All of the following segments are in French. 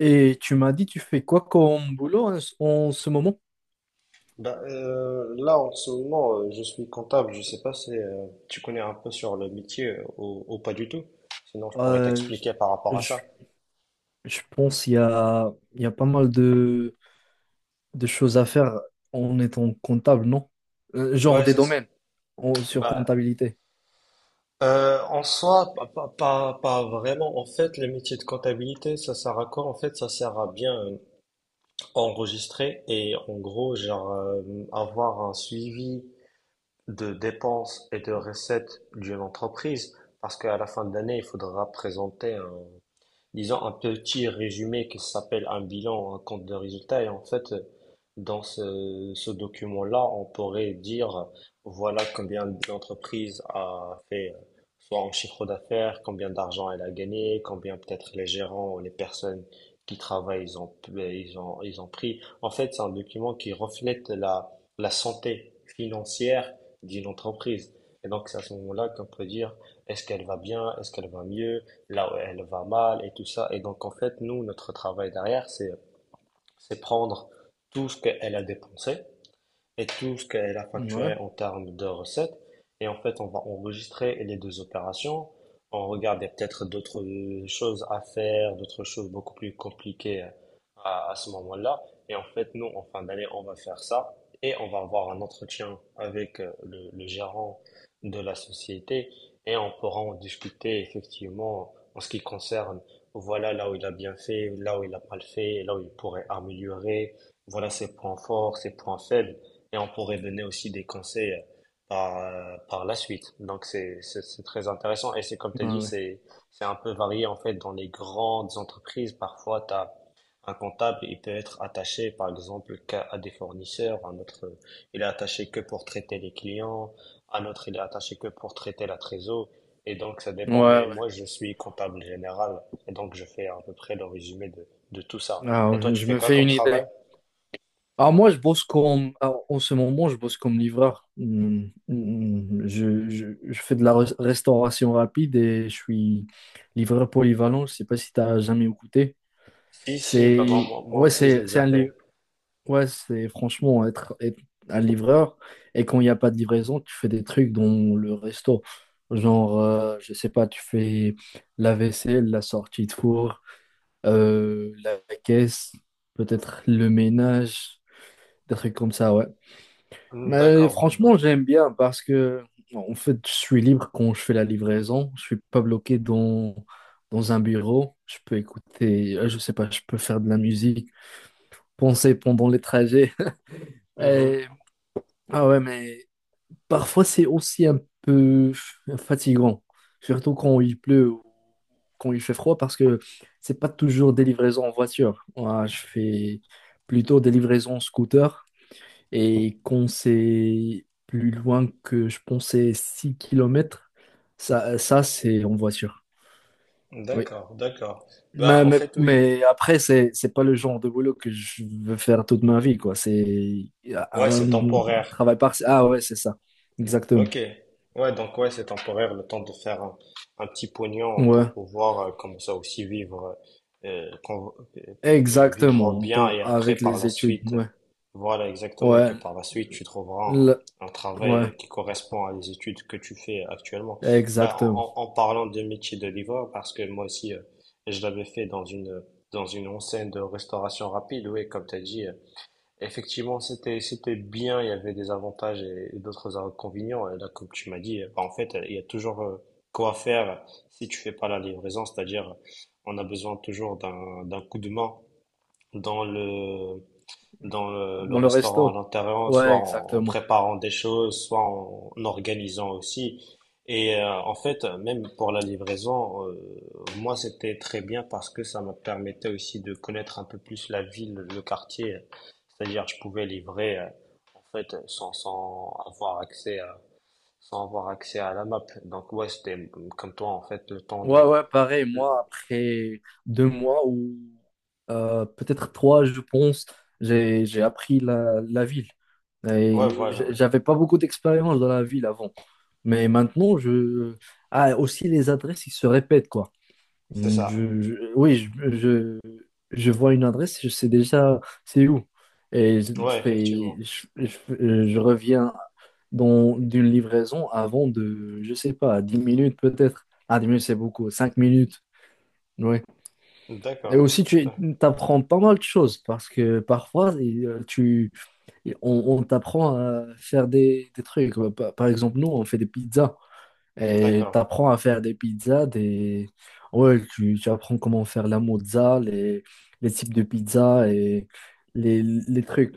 Et tu m'as dit, tu fais quoi comme boulot en ce moment? Bah, là, en ce moment, je suis comptable. Je sais pas si tu connais un peu sur le métier ou pas du tout. Sinon, je pourrais Euh, t'expliquer par rapport je, à je- ça. je pense qu'il y a, il y a pas mal de choses à faire en étant comptable, non? Genre Ouais, des c'est ça. domaines sur Bah, comptabilité. En soi, pas vraiment. En fait, le métier de comptabilité, ça sert à quoi? En fait, ça sert à bien enregistrer et en gros, genre, avoir un suivi de dépenses et de recettes d'une entreprise. Parce qu'à la fin de l'année, il faudra présenter disons, un petit résumé qui s'appelle un bilan, un compte de résultat. Et en fait, dans ce document-là, on pourrait dire, voilà combien l'entreprise a fait, soit en chiffre d'affaires, combien d'argent elle a gagné, combien peut-être les gérants ou les personnes qui travaillent, ils ont pris. En fait, c'est un document qui reflète la santé financière d'une entreprise. Et donc, c'est à ce moment-là qu'on peut dire, est-ce qu'elle va bien, est-ce qu'elle va mieux, là où elle va mal et tout ça. Et donc, en fait, nous, notre travail derrière, c'est prendre tout ce qu'elle a dépensé et tout ce qu'elle a facturé Ouais, en termes de recettes. Et en fait, on va enregistrer les deux opérations. On regarde, il y a peut-être d'autres choses à faire, d'autres choses beaucoup plus compliquées à ce moment-là. Et en fait, nous, en fin d'année, on va faire ça et on va avoir un entretien avec le gérant de la société et on pourra en discuter effectivement en ce qui concerne, voilà là où il a bien fait, là où il a mal fait, là où il pourrait améliorer, voilà ses points forts, ses points faibles et on pourrait donner aussi des conseils par la suite. Donc c'est très intéressant et c'est comme tu as ouais, dit, ouais. c'est un peu varié en fait dans les grandes entreprises. Parfois, tu as un comptable, il peut être attaché par exemple qu'à à des fournisseurs, un autre il est attaché que pour traiter les clients, un autre il est attaché que pour traiter la trésor et donc ça Ouais, dépend. Mais ouais. moi, je suis comptable général et donc je fais à peu près le résumé de tout ça. Ah Et toi, ouais, tu je fais me quoi fais comme une travail? idée. Ah moi, je bosse comme... Alors, en ce moment, je bosse comme livreur. Hmm, hmm. Je fais de la restauration rapide et je suis livreur polyvalent. Je sais pas si tu as jamais écouté. Si, si, bah, bon, C'est... moi Ouais, aussi, je c'est l'ai c'est déjà un fait. Ouais, c'est franchement être, être un livreur. Et quand il n'y a pas de livraison, tu fais des trucs dans le resto. Genre, je sais pas, tu fais la vaisselle, la sortie de four, la caisse, peut-être le ménage, des trucs comme ça, ouais. Hmm, Mais d'accord, franchement, donc, j'aime bien parce que, en fait, je suis libre quand je fais la livraison. Je suis pas bloqué dans, dans un bureau. Je peux écouter, je sais pas, je peux faire de la musique, penser pendant les trajets. mhm, Et- ouais, mais parfois, c'est aussi un peu fatigant, surtout quand il pleut ou quand il fait froid, parce que c'est pas toujours des livraisons en voiture. Moi, je fais plutôt des livraisons en scooter, et quand c'est plus loin que je pensais 6 kilomètres, ça c'est en voiture. Oui. d'accord, d'accord. Bah, Mais, en mais, fait, oui. mais après, c'est pas le genre de boulot que je veux faire toute ma vie, quoi. C'est Ouais, un c'est temporaire. travail partiel. Ah ouais, c'est ça. Exactement. Ok, ouais, donc ouais, c'est temporaire, le temps de faire un petit pognon pour Ouais. pouvoir comme ça aussi vivre, euh, qu'on- euh, vivre Exactement, bien et après avec par les la études, suite, ouais. voilà exactement, et que Ouais, par la suite tu trouveras le- un travail ouais, qui correspond à les études que tu fais actuellement. Bah, exactement. en parlant de métier de livreur, parce que moi aussi, je l'avais fait dans une enseigne de restauration rapide, oui, comme tu as dit. Effectivement, c'était bien, il y avait des avantages et d'autres inconvénients. Et là, comme tu m'as dit, bah, en fait, il y a toujours quoi faire si tu fais pas la livraison, c'est-à-dire on a besoin toujours d'un d'un coup de main dans le dans le Dans le restaurant à resto. l'intérieur, Ouais, soit en exactement. préparant des choses, soit en organisant aussi. Et en fait, même pour la livraison, moi c'était très bien parce que ça me permettait aussi de connaître un peu plus la ville, le quartier. C'est-à-dire, je pouvais livrer en fait sans avoir accès à la map. Donc ouais, c'était comme toi en fait le temps Ouais, de. ouais, pareil, moi, après deux mois ou peut-être trois, je pense, j'ai appris la, la ville. Ouais, Et voilà, j'avais pas beaucoup d'expérience dans la ville avant. Mais maintenant, je... Ah, aussi, les adresses, ils se répètent, quoi. c'est Mm. ça. Je vois une adresse, je sais déjà c'est où. Et je Ouais, fais, effectivement. Je reviens d'une livraison avant de, je sais pas, 10 minutes peut-être. Ah, 10 minutes, c'est beaucoup, 5 minutes. Oui. Et D'accord. aussi, tu apprends pas mal de choses parce que parfois, on t'apprend à faire des trucs. Par exemple, nous, on fait des pizzas. Et D'accord. tu apprends à faire des pizzas, des... Ouais, tu apprends comment faire la mozza, les types de pizzas et les trucs.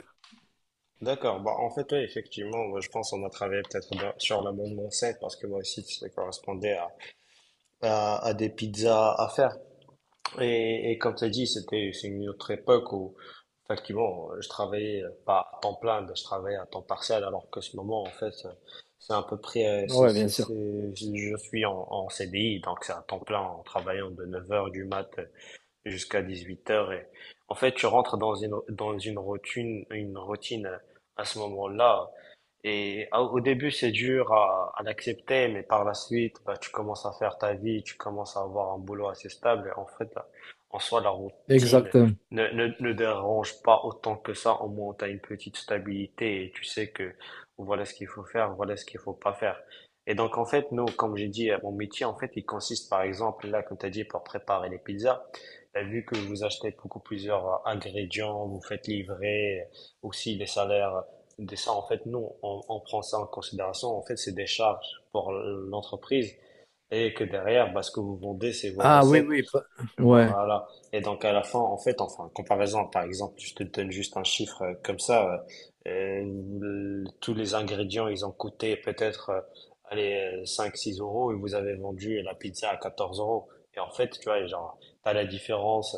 D'accord. Bah, en fait, oui, effectivement, moi, je pense qu'on a travaillé peut-être sur l'amendement 5 parce que moi aussi, ça correspondait à des pizzas à faire. Et comme tu as dit, c'est une autre époque où, effectivement, je travaillais pas à temps plein, mais je travaillais à temps partiel, alors que ce moment, en fait, c'est à peu près, Ouais, bien sûr. c'est- je suis en CDI, donc c'est à temps plein en travaillant de 9 heures du mat jusqu'à 18 heures et en fait, tu rentres dans une routine à ce moment-là et au début, c'est dur à l'accepter, mais par la suite, bah, tu commences à faire ta vie, tu commences à avoir un boulot assez stable et en fait, en soi, la routine Exactement. ne dérange pas autant que ça, au moins tu as une petite stabilité et tu sais que voilà ce qu'il faut faire, voilà ce qu'il faut pas faire. Et donc, en fait, nous, comme j'ai dit, mon métier, en fait, il consiste, par exemple, là, comme tu as dit, pour préparer les pizzas. Bah, vu que vous achetez beaucoup plusieurs ingrédients, vous faites livrer aussi les salaires, des ça, en fait, nous on prend ça en considération. En fait, c'est des charges pour l'entreprise et que derrière, bah, ce que vous vendez, c'est vos Ah oui, recettes. oui. Ouais, Voilà. Et donc, à la fin, en fait, enfin, en comparaison, par exemple, je te donne juste un chiffre comme ça, tous les ingrédients, ils ont coûté peut-être, allez, 5-6 € et vous avez vendu la pizza à 14 euros. Et en fait, tu vois, genre, t'as la différence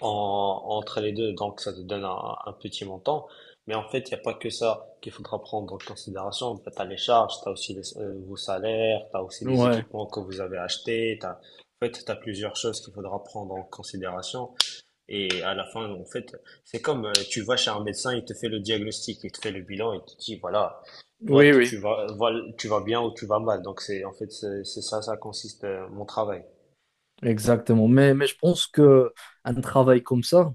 entre les deux, donc ça te donne un petit montant. Mais en fait, il n'y a pas que ça qu'il faudra prendre en considération. En fait, tu as les charges, tu as aussi vos salaires, tu as aussi les ouais. équipements que vous avez achetés. En fait, tu as plusieurs choses qu'il faudra prendre en considération. Et à la fin, en fait, c'est comme tu vas chez un médecin, il te fait le diagnostic, il te fait le bilan, il te dit, voilà, toi, Oui, oui. tu vas, voilà, tu vas bien ou tu vas mal. Donc, c'est, en fait, c'est ça, ça consiste, mon travail. Exactement. Mais je pense que un travail comme ça,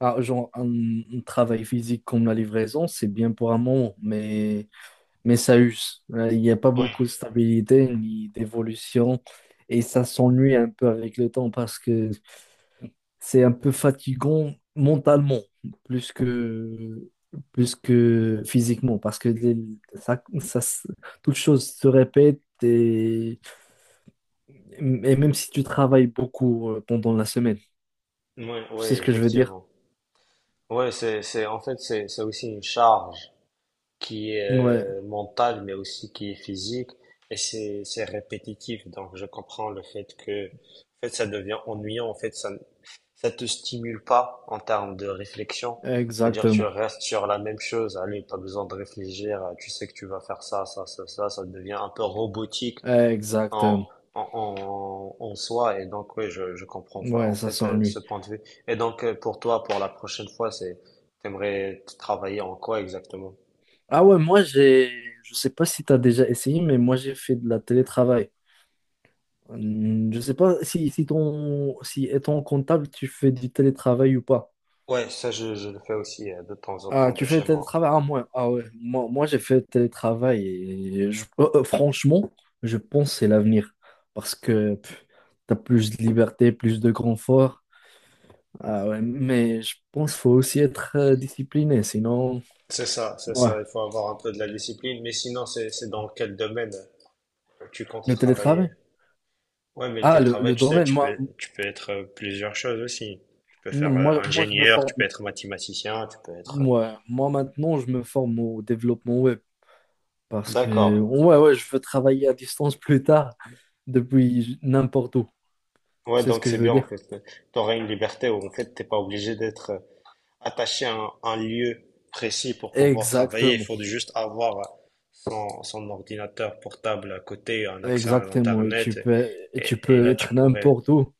ah, genre un travail physique comme la livraison, c'est bien pour un moment, mais ça use. Il n'y a pas Oui. beaucoup de stabilité ni d'évolution. Et ça s'ennuie un peu avec le temps parce que c'est un peu fatigant mentalement, plus que, plus que physiquement, parce que ça, ça, se- toute chose se répète et même si tu travailles beaucoup pendant la semaine, Oui, tu oui, sais ce que je veux dire? effectivement. Ouais, en fait, c'est aussi une charge qui est Ouais, mentale, mais aussi qui est physique, et c'est répétitif. Donc, je comprends le fait que, en fait, ça devient ennuyant. En fait, ça te stimule pas en termes de réflexion. C'est-à-dire, que tu exactement. restes sur la même chose. Allez, pas besoin de réfléchir. Tu sais que tu vas faire ça, ça, ça, ça. Ça devient un peu robotique en, Exactement. en soi. Et donc, oui, je comprends Ouais, en ça fait ce s'ennuie. point de vue. Et donc, pour toi, pour la prochaine fois, t'aimerais travailler en quoi exactement? Ah ouais, moi j'ai, je sais pas si tu as déjà essayé, mais moi j'ai fait de la télétravail. Hum. Je sais pas si, si étant comptable, tu fais du télétravail ou pas. Ouais, ça, je le fais aussi de temps en Ah, temps de tu fais chez moi. télétravail? Ah, moi, ah ouais. Moi j'ai fait télétravail et franchement, je pense que c'est l'avenir parce que tu as plus de liberté, plus de confort. Ah ouais, mais je pense qu'il faut aussi être discipliné, sinon, C'est ça, c'est ouais, ça. Il faut avoir un peu de la discipline. Mais sinon, c'est dans quel domaine tu comptes le travailler? télétravail. Ouais, mais tes Ah, travail, le tu sais, domaine, tu moi, peux, tu peux être plusieurs choses aussi. Tu peux non, faire moi, moi, je me ingénieur, tu peux forme, être mathématicien, tu peux être... moi, moi maintenant, je me forme au développement web parce D'accord. que, ouais, ouais, je veux travailler à distance plus tard depuis n'importe où, Ouais, c'est ce donc que je c'est veux bien en dire. fait. Tu auras une liberté où en fait t'es pas obligé d'être attaché à un lieu précis pour pouvoir travailler. Il Exactement. faut juste avoir son ordinateur portable à côté, un accès à Exactement, l'internet et et, tu et peux là tu être pourrais. n'importe où.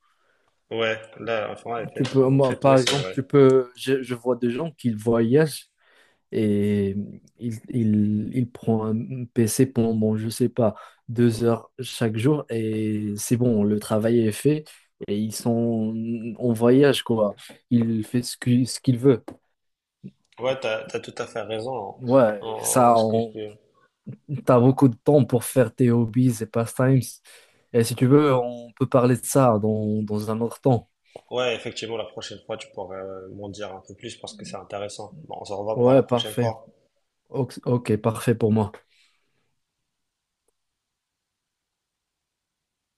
Ouais, là enfin ouais, en Tu fait, peux, en moi, fait ouais par c'est exemple, vrai. tu peux, je vois des gens qui voyagent et ils prennent un PC pendant, je sais pas, 2 heures chaque jour et c'est bon, le travail est fait et ils sont en voyage, quoi. Il fait ce qu'il veut. Ouais, t'as tout à fait raison Ouais, en en ce que je. T'as beaucoup de temps pour faire tes hobbies et pastimes. Et si tu veux, on peut parler de ça dans, dans un autre temps. Ouais, effectivement la prochaine fois tu pourrais m'en dire un peu plus parce que c'est intéressant. Bon, on se revoit pour la Ouais, prochaine parfait. fois. Ok, ok, parfait pour moi.